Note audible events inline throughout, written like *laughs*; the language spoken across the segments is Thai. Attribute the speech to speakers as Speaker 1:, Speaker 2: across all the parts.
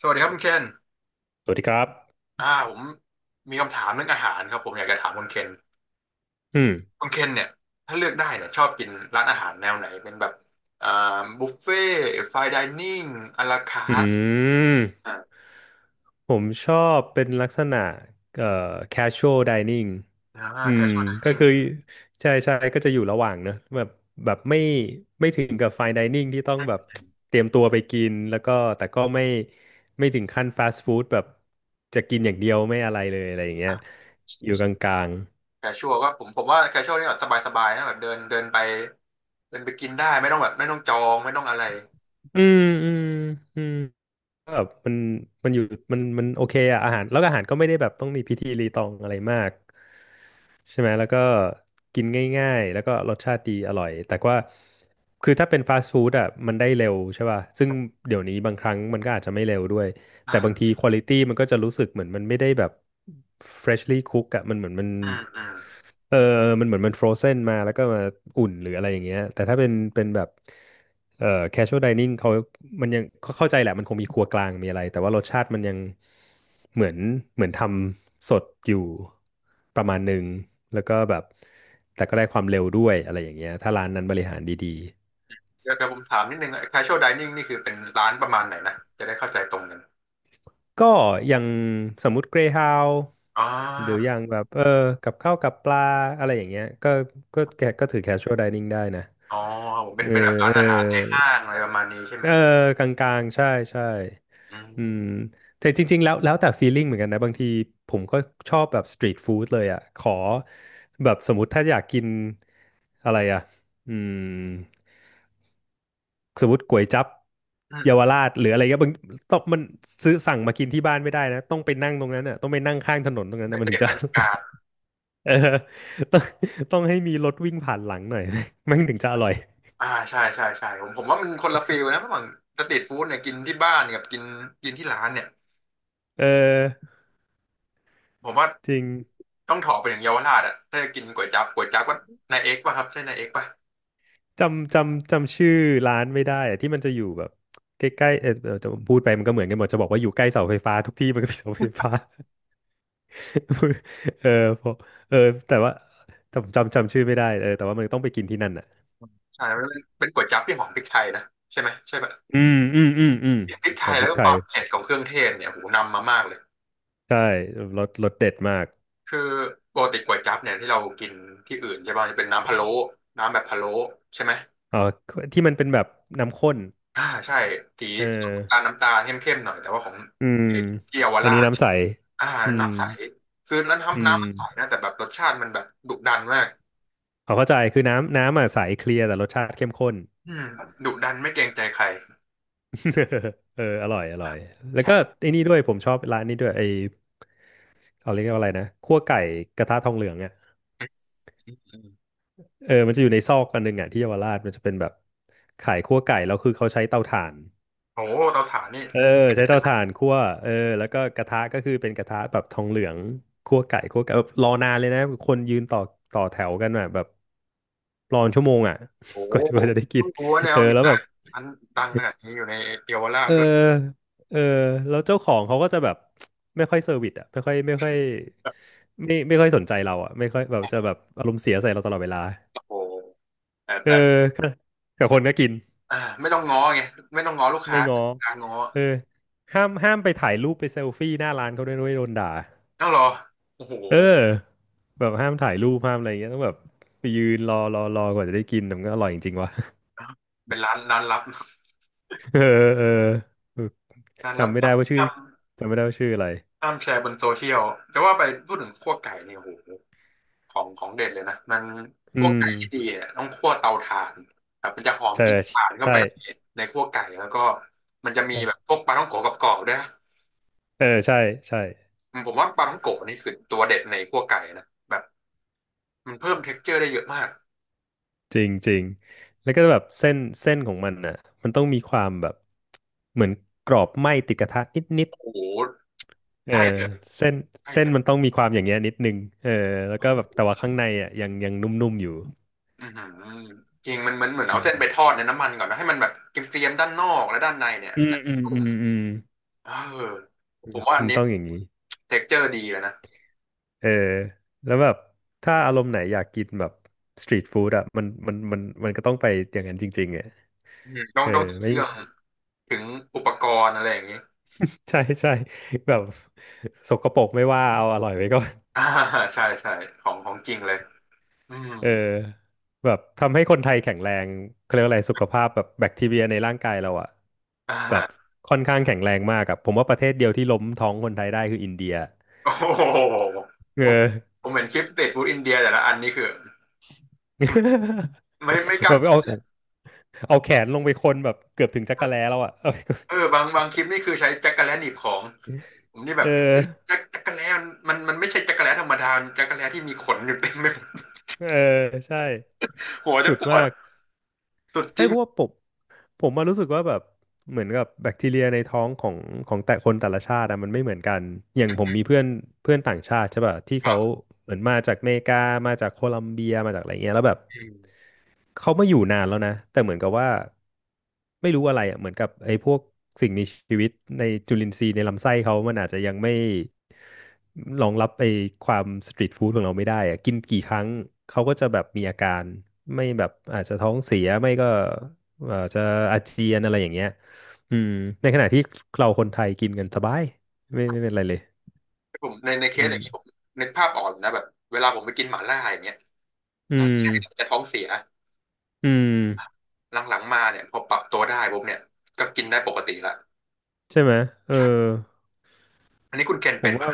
Speaker 1: สวัสดีครับคุณเคน
Speaker 2: สวัสดีครับ
Speaker 1: ผมมีคำถามเรื่องอาหารครับผมอยากจะถามคุณเคน
Speaker 2: อืม
Speaker 1: คุณเคนเนี่ยถ้าเลือกได้เนี่ยชอบกินร้านอาหารแนวไหนเป็นแบบอ่าบุฟเฟ่ไฟน์ไดนิ่งอลาคา
Speaker 2: อื
Speaker 1: ร์ท
Speaker 2: ม
Speaker 1: อ่า
Speaker 2: ผมชอบเป็นลักษณะเอ่อ casual dining อื
Speaker 1: แค
Speaker 2: ม
Speaker 1: ชชวลได
Speaker 2: ก็
Speaker 1: นิ่ง
Speaker 2: คือใช่ใช่ก็จะอยู่ระหว่างเนอะแบบแบบไม่ถึงกับ fine dining ที่ต้องแบบเตรียมตัวไปกินแล้วก็แต่ก็ไม่ถึงขั้น fast food แบบจะกินอย่างเดียวไม่อะไรเลยอะไรอย่างเงี้ยอยู่กลาง
Speaker 1: แคชชวลก็ผมว่าแคชชวลนี่แบบสบายๆนะแบบเดินเดินไปเดินไปกินได้ไม่ต้องแบบไม่ต้องจองไม่ต้องอะไร
Speaker 2: ๆอืมอืมอืมก็แบบมันอยู่มันโอเคอะอาหารแล้วก็อาหารก็ไม่ได้แบบต้องมีพิธีรีตองอะไรมาก ใช่ไหมแล้วก็กินง่ายๆแล้วก็รสชาติดีอร่อยแต่ว่าคือถ้าเป็นฟาสต์ฟู้ดอ่ะมันได้เร็วใช่ป่ะซึ่งเดี๋ยวนี้บางครั้งมันก็อาจจะไม่เร็วด้วย
Speaker 1: อ่
Speaker 2: แต่บางที
Speaker 1: า
Speaker 2: ควอลิตี้มันก็จะรู้สึกเหมือนมันไม่ได้แบบ freshly cook อะมันเหมือนมัน
Speaker 1: อืมอืม
Speaker 2: เออมันเหมือนมัน frozen มาแล้วก็มาอุ่นหรืออะไรอย่างเงี้ยแต่ถ้าเป็นแบบเอ่อ casual dining เขามันยังเขาเข้าใจแหละมันคงมีครัวกลางมีอะไรแต่ว่ารสชาติมันยังเหมือนเหมือนทำสดอยู่ประมาณหนึ่งแล้วก็แบบแต่ก็ได้ความเร็วด้วยอะไรอย่างเงี้ยถ้าร้านนั้นบริหารดี
Speaker 1: เดี๋ยวเดี๋ยวผมถามนิดนึงแคชชวลไดนิ่งนี่คือเป็นร้านประมาณไหนนะจะได้เข้าใจตรงกัน
Speaker 2: ก็อย่างสมมุติเกรฮาว
Speaker 1: อ๋อ
Speaker 2: หรืออย่างแบบเออกับข้าวกับปลาอะไรอย่างเงี้ยก็แกก็ถือ casual dining ได้นะ
Speaker 1: อ๋อผมเป็
Speaker 2: เอ
Speaker 1: น
Speaker 2: อ
Speaker 1: เป็นแบบร้าน
Speaker 2: เอ
Speaker 1: อาหารในห้า
Speaker 2: อ
Speaker 1: งอะไรประมาณนี้ใช่ไหม
Speaker 2: เออกลางๆใช่ใช่
Speaker 1: อื
Speaker 2: อืม
Speaker 1: ม
Speaker 2: แต่จริงๆแล้วแล้วแต่ feeling เหมือนกันนะบางทีผมก็ชอบแบบ street food เลยอ่ะขอแบบสมมติถ้าอยากกินอะไรอ่ะอืม สมมติก๋วยจั๊บ
Speaker 1: อื
Speaker 2: เยาว
Speaker 1: ม
Speaker 2: ราชหรืออะไรก็บางต้องมันซื้อสั่งมากินที่บ้านไม่ได้นะต้องไปนั่งตรงนั้นอ่ะต้องไปนั่งข้างถนนตรงนั้น
Speaker 1: ไป
Speaker 2: นะมัน
Speaker 1: เส
Speaker 2: ถึง
Speaker 1: พบ
Speaker 2: จะ
Speaker 1: รรยากาศ
Speaker 2: *laughs* เออต้องต้องให้มีรถวิ่งผ่านหลังหน่อย *laughs* มันถึงจะอร่อย
Speaker 1: ใช่ใช่ใช่ผมว่ามันคนละฟีลนะเพราะเหมือนสตรีทฟู้ดเนี่ยกินที่บ้านกับกินกินที่ร้านเนี่ย
Speaker 2: เออ
Speaker 1: ผมว่า
Speaker 2: จริง
Speaker 1: ต้องถอไปถึงเยาวราชอ่ะถ้าจะกินก๋วยจั๊บก๋วยจั๊บก็นายเอกป่ะครับใช่นายเอกป่ะ
Speaker 2: จำชื่อร้านไม่ได้อะที่มันจะอยู่แบบใกล้ๆเออเออจะพูดไปมันก็เหมือนกันหมดจะบอกว่าอยู่ใกล้เสาไฟฟ้าทุกที่มันก็มีเสาไฟฟ้า *laughs* เออพอเออแต่ว่าจำชื่อไม่ได้เออแต่ว่ามันต้องไปกินที่นั่นอ่ะ
Speaker 1: ใช่มันเป็นก๋วยจั๊บที่หอมพริกไทยนะใช่ไหมใช่ป่ะ
Speaker 2: อืมอืมอืมอืม
Speaker 1: พริกไท
Speaker 2: ผม
Speaker 1: ย
Speaker 2: พ
Speaker 1: แล้
Speaker 2: ริ
Speaker 1: ว
Speaker 2: ก
Speaker 1: ก็
Speaker 2: ไท
Speaker 1: ควา
Speaker 2: ย
Speaker 1: มเผ็ดของเครื่องเทศเนี่ยโหนำมามากเลย
Speaker 2: ใช่รสรสเด็ดมาก
Speaker 1: คือปกติก๋วยจั๊บเนี่ยที่เรากินที่อื่นใช่ป่ะจะเป็นน้ำพะโล้น้ำแบบพะโล้ใช่ไหม
Speaker 2: อ๋อที่มันเป็นแบบน้ำข้น
Speaker 1: อ่าใช่สี
Speaker 2: เออ
Speaker 1: น้ำตาลเข้มๆหน่อยแต่ว่าของ
Speaker 2: อืม
Speaker 1: ที่เยาว
Speaker 2: อัน
Speaker 1: รา
Speaker 2: นี้
Speaker 1: ช
Speaker 2: น้ำใส
Speaker 1: อ่า
Speaker 2: อืม
Speaker 1: น้ำใสคือแล้ว
Speaker 2: อื
Speaker 1: น้ำ
Speaker 2: ม
Speaker 1: น้ำมันใสนะแต่แบบรสชาติมันแบบดุดันมาก
Speaker 2: เอาเข้าใจคือน้ำอ่ะใสเคลียร์แต่รสชาติเข้มข้น
Speaker 1: อืมดุดันไม่เกรงใจใคร
Speaker 2: *laughs* เอออร่อยอร่อยแล้วก็
Speaker 1: ใช่
Speaker 2: ไอ้นี่ด้วยผมชอบร้านนี้ด้วยไอเอาเรียกว่าอะไรนะคั่วไก่กระทะทองเหลืองอ่ะ
Speaker 1: อืม
Speaker 2: เออมันจะอยู่ในซอกอันหนึงอ่ะที่เยาวราชมันจะเป็นแบบขายคั่วไก่แล้วคือเขาใช้เตาถ่าน
Speaker 1: โอ้โหเตาถ่านนี่
Speaker 2: เออใช้เตาถ่านคั่วเออแล้วก็กระทะก็คือเป็นกระทะแบบทองเหลืองคั่วไก่คั่วไก่แบบรอนานเลยนะคนยืนต่อแถวกันอะแบบรอนชั่วโมงอ่ะ
Speaker 1: โอ้
Speaker 2: *laughs*
Speaker 1: โห
Speaker 2: กว่าจะได้กิน
Speaker 1: เพิ่งรู้ว่าเนี่ย
Speaker 2: เออ
Speaker 1: มี
Speaker 2: แล้วแบ
Speaker 1: ร้าน
Speaker 2: บ
Speaker 1: ร้านดังขนาดนี้อยู่ในเยาวรา
Speaker 2: เอ
Speaker 1: ช
Speaker 2: อ
Speaker 1: ด้วย
Speaker 2: เออแล้วเจ้าของเขาก็จะแบบไม่ค่อยเซอร์วิสอ่ะไม่ค่อยสนใจเราอ่ะไม่ค่อยแบบจะแบบอารมณ์เสียใส่เราตลอดเวลา
Speaker 1: โอ้โหแต่
Speaker 2: เอ
Speaker 1: แต่
Speaker 2: อกับคนก็กิน
Speaker 1: อ่าไม่ต้องง้อไงไม่ต้องง้อลูกค้า
Speaker 2: ไม่ง้อ
Speaker 1: การง้อ
Speaker 2: เออห้ามไปถ่ายรูปไปเซลฟี่หน้าร้านเขาด้วยนะเว้ยโดนด่า
Speaker 1: ต้องรอโอ้โห
Speaker 2: เออแบบห้ามถ่ายรูปห้ามอะไรอย่างเงี้ยต้องแบบไปยืนรอกว่าจะได้กินแต่มันก็อร่อยจริงๆวะ
Speaker 1: เป็นร้านลับ
Speaker 2: *laughs* เออเออเออ
Speaker 1: ร้านลับ
Speaker 2: จำไม่ได้ว่าชื่อ
Speaker 1: ห้าม
Speaker 2: จำไม่ได้ว่าชื่ออะไร
Speaker 1: ห้ามแชร์บนโซเชียลจะว่าไปพูดถึงคั่วไก่เนี่ยโอ้โห ของเด็ดเลยนะมันพ
Speaker 2: อื
Speaker 1: วก
Speaker 2: ม
Speaker 1: ไก่ที่ดีเนี่ยต้องคั่วเตาถ่านครับมันจะหอม
Speaker 2: ใช่
Speaker 1: กลิ่นถ่านเข้า
Speaker 2: ใช่
Speaker 1: ไปในคั่วไก่แล้วก็มันจะมี
Speaker 2: ใช่
Speaker 1: แบบพวกปลาท่องโกะกับกรอบๆด้วยนะ
Speaker 2: เออใช่ใช่
Speaker 1: อืมผมว่าปลาท่องโกะนี่คือตัวเด็ดในคั่วไก่นะแบบมันเพิ่มเท็กซ์เจอร์ได้เยอะมาก
Speaker 2: จริงจริงแล้วก็แบบเส้นของมันอ่ะมันต้องมีความแบบเหมือนกรอบไหม้ติดกระทะนิดนิด
Speaker 1: โอ้โห
Speaker 2: เออ
Speaker 1: ใช่เลย
Speaker 2: เส้น
Speaker 1: ใช่
Speaker 2: เส้น
Speaker 1: เลย
Speaker 2: มันต้องมีความอย่างเงี้ยนิดนึงเออแล้วก็แบบแต่ว่าข้างในอ่ะยังนุ่มๆอยู่
Speaker 1: อือหือจริงมันเหมือนเหมือนเอาเส้นไปทอดในน้ำมันก่อนนะให้มันแบบเกรียมๆด้านนอกและด้านในเนี่ย
Speaker 2: อืม
Speaker 1: จะ
Speaker 2: อืม
Speaker 1: นุ่
Speaker 2: อื
Speaker 1: ม
Speaker 2: มอืม
Speaker 1: เออผมว่าอั
Speaker 2: มั
Speaker 1: น
Speaker 2: น
Speaker 1: นี้
Speaker 2: ต้องอย่างนี้
Speaker 1: เท็กซ์เจอร์ดีแลวนะ
Speaker 2: เออแล้วแบบถ้าอารมณ์ไหนอยากกินแบบสตรีทฟู้ดอ่ะมันก็ต้องไปอย่างนั้นจริงๆอ่ะ
Speaker 1: อืมต้อ
Speaker 2: เอ
Speaker 1: ง
Speaker 2: อ
Speaker 1: ต้องถึงเค
Speaker 2: ไม่
Speaker 1: รื่องถึงอุปกรณ์อะไรอย่างนี้
Speaker 2: *laughs* ใช่ใช่แบบสกปรกไม่ว่าเอาอร่อยไว้ก่อน
Speaker 1: อ่าใช่ใช่ของจริงเลยอืม
Speaker 2: เออแบบทำให้คนไทยแข็งแรงเขาเรียกว่าอะไรสุขภาพแบบแบคทีเรียในร่างกายเราอ่ะ
Speaker 1: อ่
Speaker 2: แบบ
Speaker 1: า
Speaker 2: ค่อนข้างแข็งแรงมากอะผมว่าประเทศเดียวที่ล้มท้องคนไทยได้คืออินเดีย
Speaker 1: โอ้โห
Speaker 2: เอ
Speaker 1: ผมผ
Speaker 2: อ
Speaker 1: มเห็นคลิปสตรีทฟู้ดอินเดียแต่ละอันนี่คือไม่ก
Speaker 2: *laughs*
Speaker 1: ล้า
Speaker 2: แบบ
Speaker 1: กิ
Speaker 2: เอา
Speaker 1: นเลย
Speaker 2: เอาแขนลงไปคนแบบเกือบถึงจักรแล้วอ่ะเออ
Speaker 1: เออบางคลิปนี่คือใช้จักระแลหนีบของผมนี่แบ
Speaker 2: เอ
Speaker 1: บ
Speaker 2: อ
Speaker 1: จักระแลมันมันไม่ใช่จักระแลธรรมดามันจักระแลที่มีขนอยู่เต็มไปหมด
Speaker 2: เออ ใช่
Speaker 1: หัวจะ
Speaker 2: สุด
Speaker 1: ปวด
Speaker 2: มาก
Speaker 1: สุดจ
Speaker 2: ไม่
Speaker 1: ริง
Speaker 2: เพราะว่าผม ผมมารู้สึกว่าแบบ เหมือนกับแบคทีเรียในท้องของของแต่คนแต่ละชาติอะมันไม่เหมือนกัน อย่างผมมีเพื่อน เพื่อนต่างชาติใช่ป่ะที่
Speaker 1: ครั
Speaker 2: เขา
Speaker 1: บ
Speaker 2: เหมือนมาจากอเมริกามาจากโคลอมเบีย มาจากอะไรเงี้ยแล้วแบบ
Speaker 1: อืม
Speaker 2: เขามาอยู่นานแล้วนะแต่เหมือนกับว่าไม่รู้อะไรอ่ะเหมือนกับไอ้พวกสิ่งมีชีวิตในจุลินทรีย์ในลำไส้เขามันอาจจะยังไม่รองรับไอ้ความสตรีทฟู้ดของเราไม่ได้อ่ะกินกี่ครั้งเขาก็จะแบบมีอาการไม่แบบอาจจะท้องเสียไม่ก็อาจจะอาเจียนอะไรอย่างเงี้ยอืมในขณะที่เราคนไทยกินกันสบายไม่เป็นไรเลย
Speaker 1: ผมในเค
Speaker 2: อื
Speaker 1: สอ
Speaker 2: ม
Speaker 1: ย่างนี้ผมนึกภาพออกอยู่นะแบบเวลาผมไปกินหม่าล่าอย่างเงี้ย
Speaker 2: อื
Speaker 1: ตอนแรก
Speaker 2: ม
Speaker 1: จะท้องเสีย
Speaker 2: อืม
Speaker 1: หลังๆมาเนี่ยพอปรับตัวได้ปุ๊บเนี่ยก็กินได้ปกติละ
Speaker 2: ใช่ไหมเออ
Speaker 1: อันนี้คุณเคน
Speaker 2: ผ
Speaker 1: เป็
Speaker 2: ม
Speaker 1: น
Speaker 2: ว่า
Speaker 1: ปะ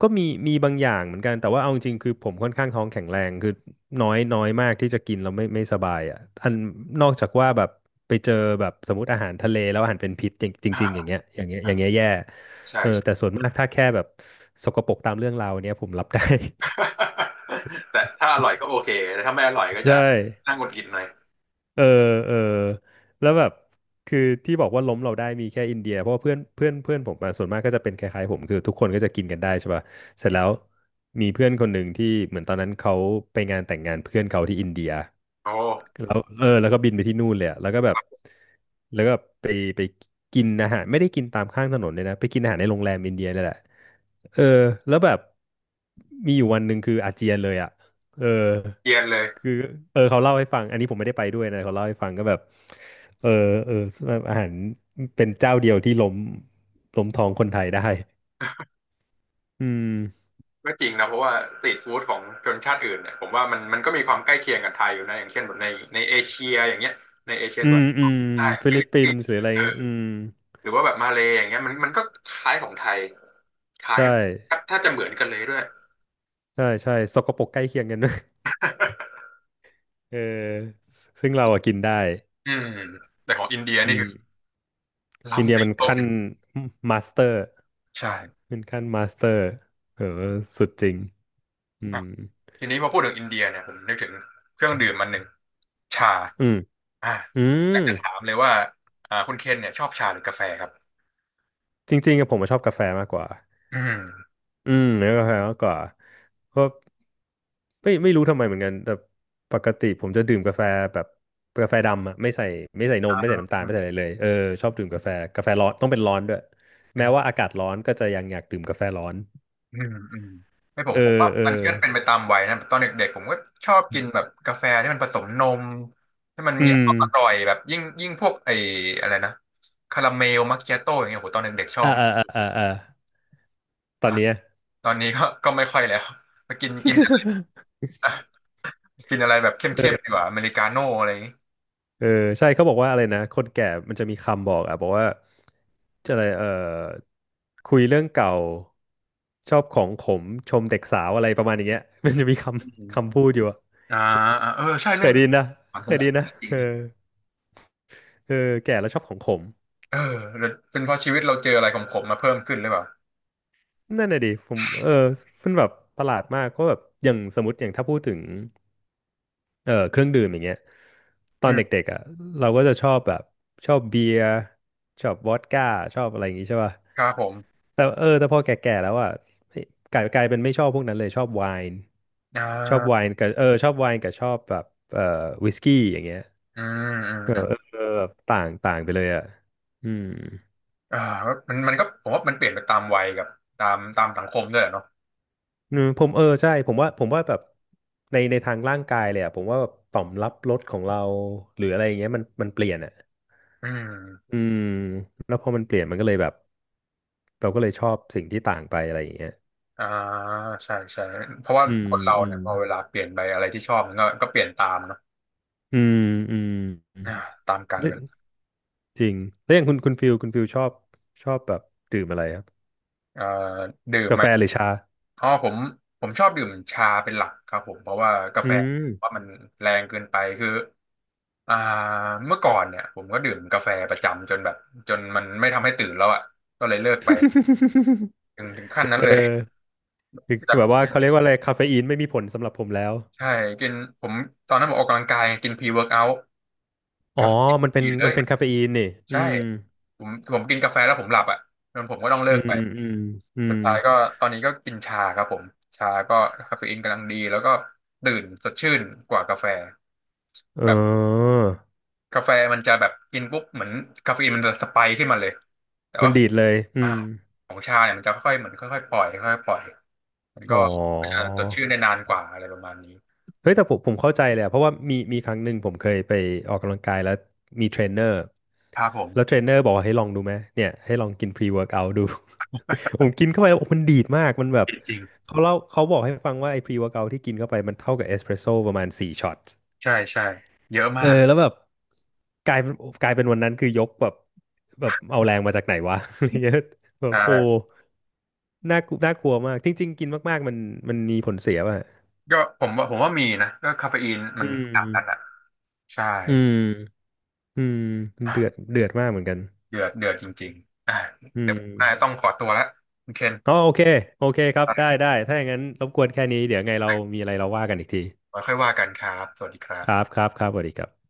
Speaker 2: ก็มีมีบางอย่างเหมือนกันแต่ว่าเอาจริงๆคือผมค่อนข้างท้องแข็งแรงคือน้อยน้อยมากที่จะกินแล้วไม่สบายอ่ะอันนอกจากว่าแบบไปเจอแบบสมมติอาหารทะเลแล้วอาหารเป็นพิษจริงจริง
Speaker 1: ใช่
Speaker 2: ๆอย่างเงี้ยอย่างเงี้ยอย่างเงี้ยแย่
Speaker 1: *laughs* ใช่
Speaker 2: เออแต่ส่วนมากถ้าแค่แบบสกปรกตามเรื่องราวเนี้ยผมรับได้
Speaker 1: *laughs* แต่ถ้าอร่อยก็โอเคแต่ถ้าไม่อร่อยก็
Speaker 2: *laughs*
Speaker 1: จะ
Speaker 2: ใช่
Speaker 1: น่าหงุดหงิดหน่อย
Speaker 2: เออเออแล้วแบบคือที่บอกว่าล้มเราได้มีแค่อินเดียเพราะว่าเพื่อนเพื่อนเพื่อนผมมาส่วนมากก็จะเป็นคล้ายๆผมคือทุกคนก็จะกินกันได้ใช่ป่ะเสร็จแล้วมีเพื่อนคนหนึ่งที่เหมือนตอนนั้นเขาไปงานแต่งงานเพื่อนเขาที่อินเดีย
Speaker 1: โอ้
Speaker 2: แล้วเออแล้วก็บินไปที่นู่นเลยอะแล้วก็แบบแล้วก็ไปไปกินอาหารไม่ได้กินตามข้างถนนเลยนะไปกินอาหารในโรงแรมอินเดียนี่แหละ เออแล้วแบบมีอยู่วันหนึ่งคืออาเจียนเลยอ่ะเออ
Speaker 1: เย็นเลย
Speaker 2: คือเออเขาเล่าให้ฟังอันนี้ผมไม่ได้ไปด้วยนะเขาเล่าให้ฟังก็แบบเออเออแบบอาหารเป็นเจ้าเดียวที่ล้มท้องคนไทยได้อืม
Speaker 1: ก็จริงนะเพราะว่าสตรีทฟู้ดของชนชาติอื่นเนี่ยผมว่ามันก็มีความใกล้เคียงกับไทยอยู่นะอย่างเช่นแบบในเอเชียอย่างเงี้ยในเอเชีย
Speaker 2: อื
Speaker 1: ตัวน
Speaker 2: มอื
Speaker 1: ออก
Speaker 2: ม
Speaker 1: ใต้
Speaker 2: ฟิ
Speaker 1: ฟิ
Speaker 2: ลิ
Speaker 1: ลิ
Speaker 2: ป
Speaker 1: ป
Speaker 2: ปิ
Speaker 1: ปิ
Speaker 2: น
Speaker 1: นส์
Speaker 2: ส์หรืออะไร
Speaker 1: เอ
Speaker 2: เงี้ย
Speaker 1: อ
Speaker 2: อืม
Speaker 1: หรือว่าแบบมาเลย์อย่างเงี้ยมันก็คล้ายของไทยคล้าย
Speaker 2: ใช่
Speaker 1: แทบจะเหมือนกันเลยด้วย
Speaker 2: ใช่ใช่สกปรกใกล้เคียงกันด้วย
Speaker 1: *laughs*
Speaker 2: *laughs* เออซึ่งเราอะกินได้
Speaker 1: อืมแต่ของอินเดีย
Speaker 2: อื
Speaker 1: นี่
Speaker 2: ม
Speaker 1: คือ
Speaker 2: อิน
Speaker 1: ล้ำ
Speaker 2: เดีย
Speaker 1: ไป
Speaker 2: มัน
Speaker 1: ตรง
Speaker 2: ขั้นมาสเตอร์
Speaker 1: ใช่
Speaker 2: เป็นขั้นมาสเตอร์เออสุดจริงอื
Speaker 1: อ่ะ
Speaker 2: ม
Speaker 1: ทีนี้พอพูดถึงอินเดียเนี่ยผมนึกถึงเครื่องดื่มมันหนึ่ง ชา
Speaker 2: อืม
Speaker 1: อ่า
Speaker 2: อืม
Speaker 1: อยากจะถามเลยว่าคุณเคนเนี่ยชอบชาหรือกาแฟครับ
Speaker 2: จริงๆอะผมอะชอบกาแฟมากกว่า
Speaker 1: อืม
Speaker 2: อืมเนื้อกาแฟมากกว่าเพราะไม่รู้ทำไมเหมือนกันแต่ปกติผมจะดื่มกาแฟแบบกาแฟดำอะไม่ใส่ไม่ใส่นมไม่ใส่น้ำตาลไม่ใส่อะไรเลยเออชอบดื่มกาแฟกาแฟร้อนต้องเป็นร้อนด้วย
Speaker 1: อื
Speaker 2: แม้ว่า
Speaker 1: ม
Speaker 2: อากาศร้อนก็จะยังอยากดื่มกาแฟร้อน
Speaker 1: อืมอืมไม่ผม
Speaker 2: เอ
Speaker 1: ผม
Speaker 2: อ
Speaker 1: ว่า
Speaker 2: เออ
Speaker 1: มันก็เป็นไปตามวัยนะตอนเด็กๆผมก็ชอบกินแบบกาแฟที่มันผสมนมที่มัน
Speaker 2: อื
Speaker 1: มี
Speaker 2: ม
Speaker 1: ความอร่อยแบบยิ่งยิ่งพวกไอ้อะไรนะคาราเมลมัคคิอาโต้อย่างเงี้ยโหตอนเด็กๆชอ
Speaker 2: อ่า
Speaker 1: บ
Speaker 2: อ่าอ่าอ่าอ่าตอน
Speaker 1: นะ
Speaker 2: เนี้ย
Speaker 1: ตอนนี้ก็ *laughs* ก็ไม่ค่อยแล้วมากินกินอะไรกินอะไรแบบเข้มๆดี
Speaker 2: *laughs*
Speaker 1: กว่าอเมริกาโน่อะไรอย่างงี้
Speaker 2: เออใช่เขาบอกว่าอะไรนะคนแก่มันจะมีคำบอกอ่ะบอกว่าจะอะไรเออคุยเรื่องเก่าชอบของขมชมเด็กสาวอะไรประมาณอย่างเงี้ย *laughs* มันจะมีค
Speaker 1: อืม
Speaker 2: ำคำพูดอยู่อะ
Speaker 1: อ่าอ่าเออใช่
Speaker 2: เค
Speaker 1: เรื่อ
Speaker 2: ย
Speaker 1: ง
Speaker 2: ไดี
Speaker 1: นี้
Speaker 2: นนะเค
Speaker 1: ผม
Speaker 2: ยไดีนนะ
Speaker 1: จริ
Speaker 2: เอ
Speaker 1: ง
Speaker 2: อเออแก่แล้วชอบของขม
Speaker 1: เออหรือเป็นเพราะชีวิตเราเจออะไรขมๆมาเพิ่มขึ้นหรือเปล่า
Speaker 2: นั่นน่ะดิผมเออมันแบบประหลาดมากก็แบบอย่างสมมติอย่างถ้าพูดถึงเออเครื่องดื่มอย่างเงี้ยตอ
Speaker 1: อื
Speaker 2: น
Speaker 1: ม
Speaker 2: เด็กๆอ่ะเราก็จะชอบแบบชอบเบียร์ชอบวอดก้าชอบอะไรอย่างงี้ใช่ป่ะ
Speaker 1: ครับผม
Speaker 2: แต่เออแต่พอแก่ๆแล้วอ่ะกลายกลายเป็นไม่ชอบพวกนั้นเลยชอบไวน์
Speaker 1: อ่
Speaker 2: ชอบไว
Speaker 1: า
Speaker 2: น์กับเออชอบไวน์กับชอบแบบเอ่อวิสกี้อย่างเงี้ย
Speaker 1: อืมอืม
Speaker 2: เออ
Speaker 1: อืม
Speaker 2: เออเออแบบต่างต่างไปเลยอ่ะอืม
Speaker 1: อ่ามันก็ผมว่ามันเปลี่ยนไปตามวัยกับตามสังคมด้วยแหละเนาะ
Speaker 2: อืมผมเออใช่ผมว่าแบบในในทางร่างกายเลยอ่ะผมว่าแบบต่อมรับรสของเราหรืออะไรอย่างเงี้ยมันเปลี่ยนอ่ะ
Speaker 1: อืม
Speaker 2: อืมแล้วพอมันเปลี่ยนมันก็เลยแบบเราก็เลยชอบสิ่งที่ต่างไปอะไรอย่างเงี้ย
Speaker 1: อ่าใช่ใช่เพราะว่า
Speaker 2: อืม
Speaker 1: คนเรา
Speaker 2: อื
Speaker 1: เนี่
Speaker 2: ม
Speaker 1: ยพอเวลาเปลี่ยนไปอะไรที่ชอบมันก็เปลี่ยนตามเนาะ
Speaker 2: อืมอื
Speaker 1: อ่าตามกาล
Speaker 2: ม
Speaker 1: เวลา
Speaker 2: จริงแล้วอย่างคุณคุณฟิลชอบชอบแบบดื่มอะไรครับ
Speaker 1: เอ่อดื่ม
Speaker 2: กา
Speaker 1: ไหม
Speaker 2: แฟหรือชา
Speaker 1: อ๋อผมชอบดื่มชาเป็นหลักครับผมเพราะว่ากา
Speaker 2: อื
Speaker 1: แฟ
Speaker 2: ม
Speaker 1: ว่ามันแรงเกินไปคือ อ่าเมื่อก่อนเนี่ยผมก็ดื่มกาแฟประจำจนแบบจนมันไม่ทำให้ตื่นแล้วอ่ะก็เลยเลิกไป
Speaker 2: *laughs*
Speaker 1: ถึงขั้นนั้น
Speaker 2: เอ
Speaker 1: เล
Speaker 2: อ
Speaker 1: ย
Speaker 2: คือ
Speaker 1: แบ
Speaker 2: แบบ
Speaker 1: บ
Speaker 2: ว่าเขาเรียกว่าอะไรคาเฟอีนไม่มีผลสำหรับผมแล้ว
Speaker 1: ใช่กินผมตอนนั้นผมออกกำลังกายกินพรีเวิร์กเอาท์
Speaker 2: อ๋อ
Speaker 1: คาเฟอีน
Speaker 2: มันเป็
Speaker 1: ดี
Speaker 2: น
Speaker 1: เล
Speaker 2: มั
Speaker 1: ย
Speaker 2: นเป็นคาเฟอีนนี่อื
Speaker 1: ใช่
Speaker 2: ม
Speaker 1: ผมกินกาแฟแล้วผมหลับอ่ะงั้นผมก็ต้องเลิ
Speaker 2: อื
Speaker 1: กไป
Speaker 2: มอืมอื
Speaker 1: สุ
Speaker 2: ม
Speaker 1: ดท้ายก็ตอนนี้ก็กินชาครับผมชาก็คาเฟอีนกำลังดีแล้วก็ตื่นสดชื่นกว่ากาแฟ
Speaker 2: เอ
Speaker 1: แบบ
Speaker 2: อ
Speaker 1: กาแฟมันจะแบบกินปุ๊บเหมือนคาเฟอีนมันจะสไปค์ขึ้นมาเลยแต่
Speaker 2: มั
Speaker 1: ว่า
Speaker 2: นดีดเลยอื
Speaker 1: อ่า
Speaker 2: ม
Speaker 1: ของชาเนี่ยมันจะค่อยๆเหมือนค่อยๆปล่อยค่อยๆปล่อยมัน
Speaker 2: อ๋
Speaker 1: ก็
Speaker 2: อ
Speaker 1: จะจดชื่อได้นานกว่าอะไรประมาณนี้
Speaker 2: เฮ้ยแต่ผมเข้าใจเลยอะเพราะว่ามีมีครั้งหนึ่งผมเคยไปออกกำลังกายแล้วมีเทรนเนอร์
Speaker 1: ครับผม
Speaker 2: แล้วเทรนเนอร์บอกว่าให้ลองดูไหมเนี่ยให้ลองกินพรีเวิร์กเอาท์ดู *laughs* ผมกินเข้าไปโอ้มันดีดมากมันแบบ
Speaker 1: จริง
Speaker 2: เขาเล่าเขาบอกให้ฟังว่าไอ้พรีเวิร์กเอาท์ที่กินเข้าไปมันเท่ากับเอสเปรสโซ่ประมาณสี่ช็อต
Speaker 1: ใช่ใช่เยอะ
Speaker 2: เอ
Speaker 1: มา
Speaker 2: อ
Speaker 1: ก
Speaker 2: แล้วแบบกลายเป็นกลายเป็นวันนั้นคือยกแบบแบบเอาแรงมาจากไหนวะ *laughs* อะไรเงี้ยแบบโอ้
Speaker 1: ใช่
Speaker 2: น่ากลัวน่ากลัวมากจริงๆกินมากๆมันมีผลเสียว่ะ
Speaker 1: ก็ผมว่ามีนะก็คาเฟอีนมั
Speaker 2: อื
Speaker 1: นขนาดนั้น
Speaker 2: ม
Speaker 1: อ่ะใช่
Speaker 2: อืม อืมเดือด
Speaker 1: อ่ะ
Speaker 2: เดือดมากเหมือนกัน
Speaker 1: เดือดเดือดจริงๆอ่ะ
Speaker 2: อื
Speaker 1: เดี๋ย
Speaker 2: ม
Speaker 1: วผมน่าจะต้องขอตัวแล้วคุณเคน
Speaker 2: อ๋อโอเคโอเคครับได้ได้ถ้าอย่างนั้นรบกวนแค่นี้เดี๋ยวไงเรามีอะไรเราว่ากันอีกที
Speaker 1: ไว้ค่อยว่ากันครับสวัสดีครั
Speaker 2: ครับ
Speaker 1: บ
Speaker 2: ครับครับสวัสดีครับ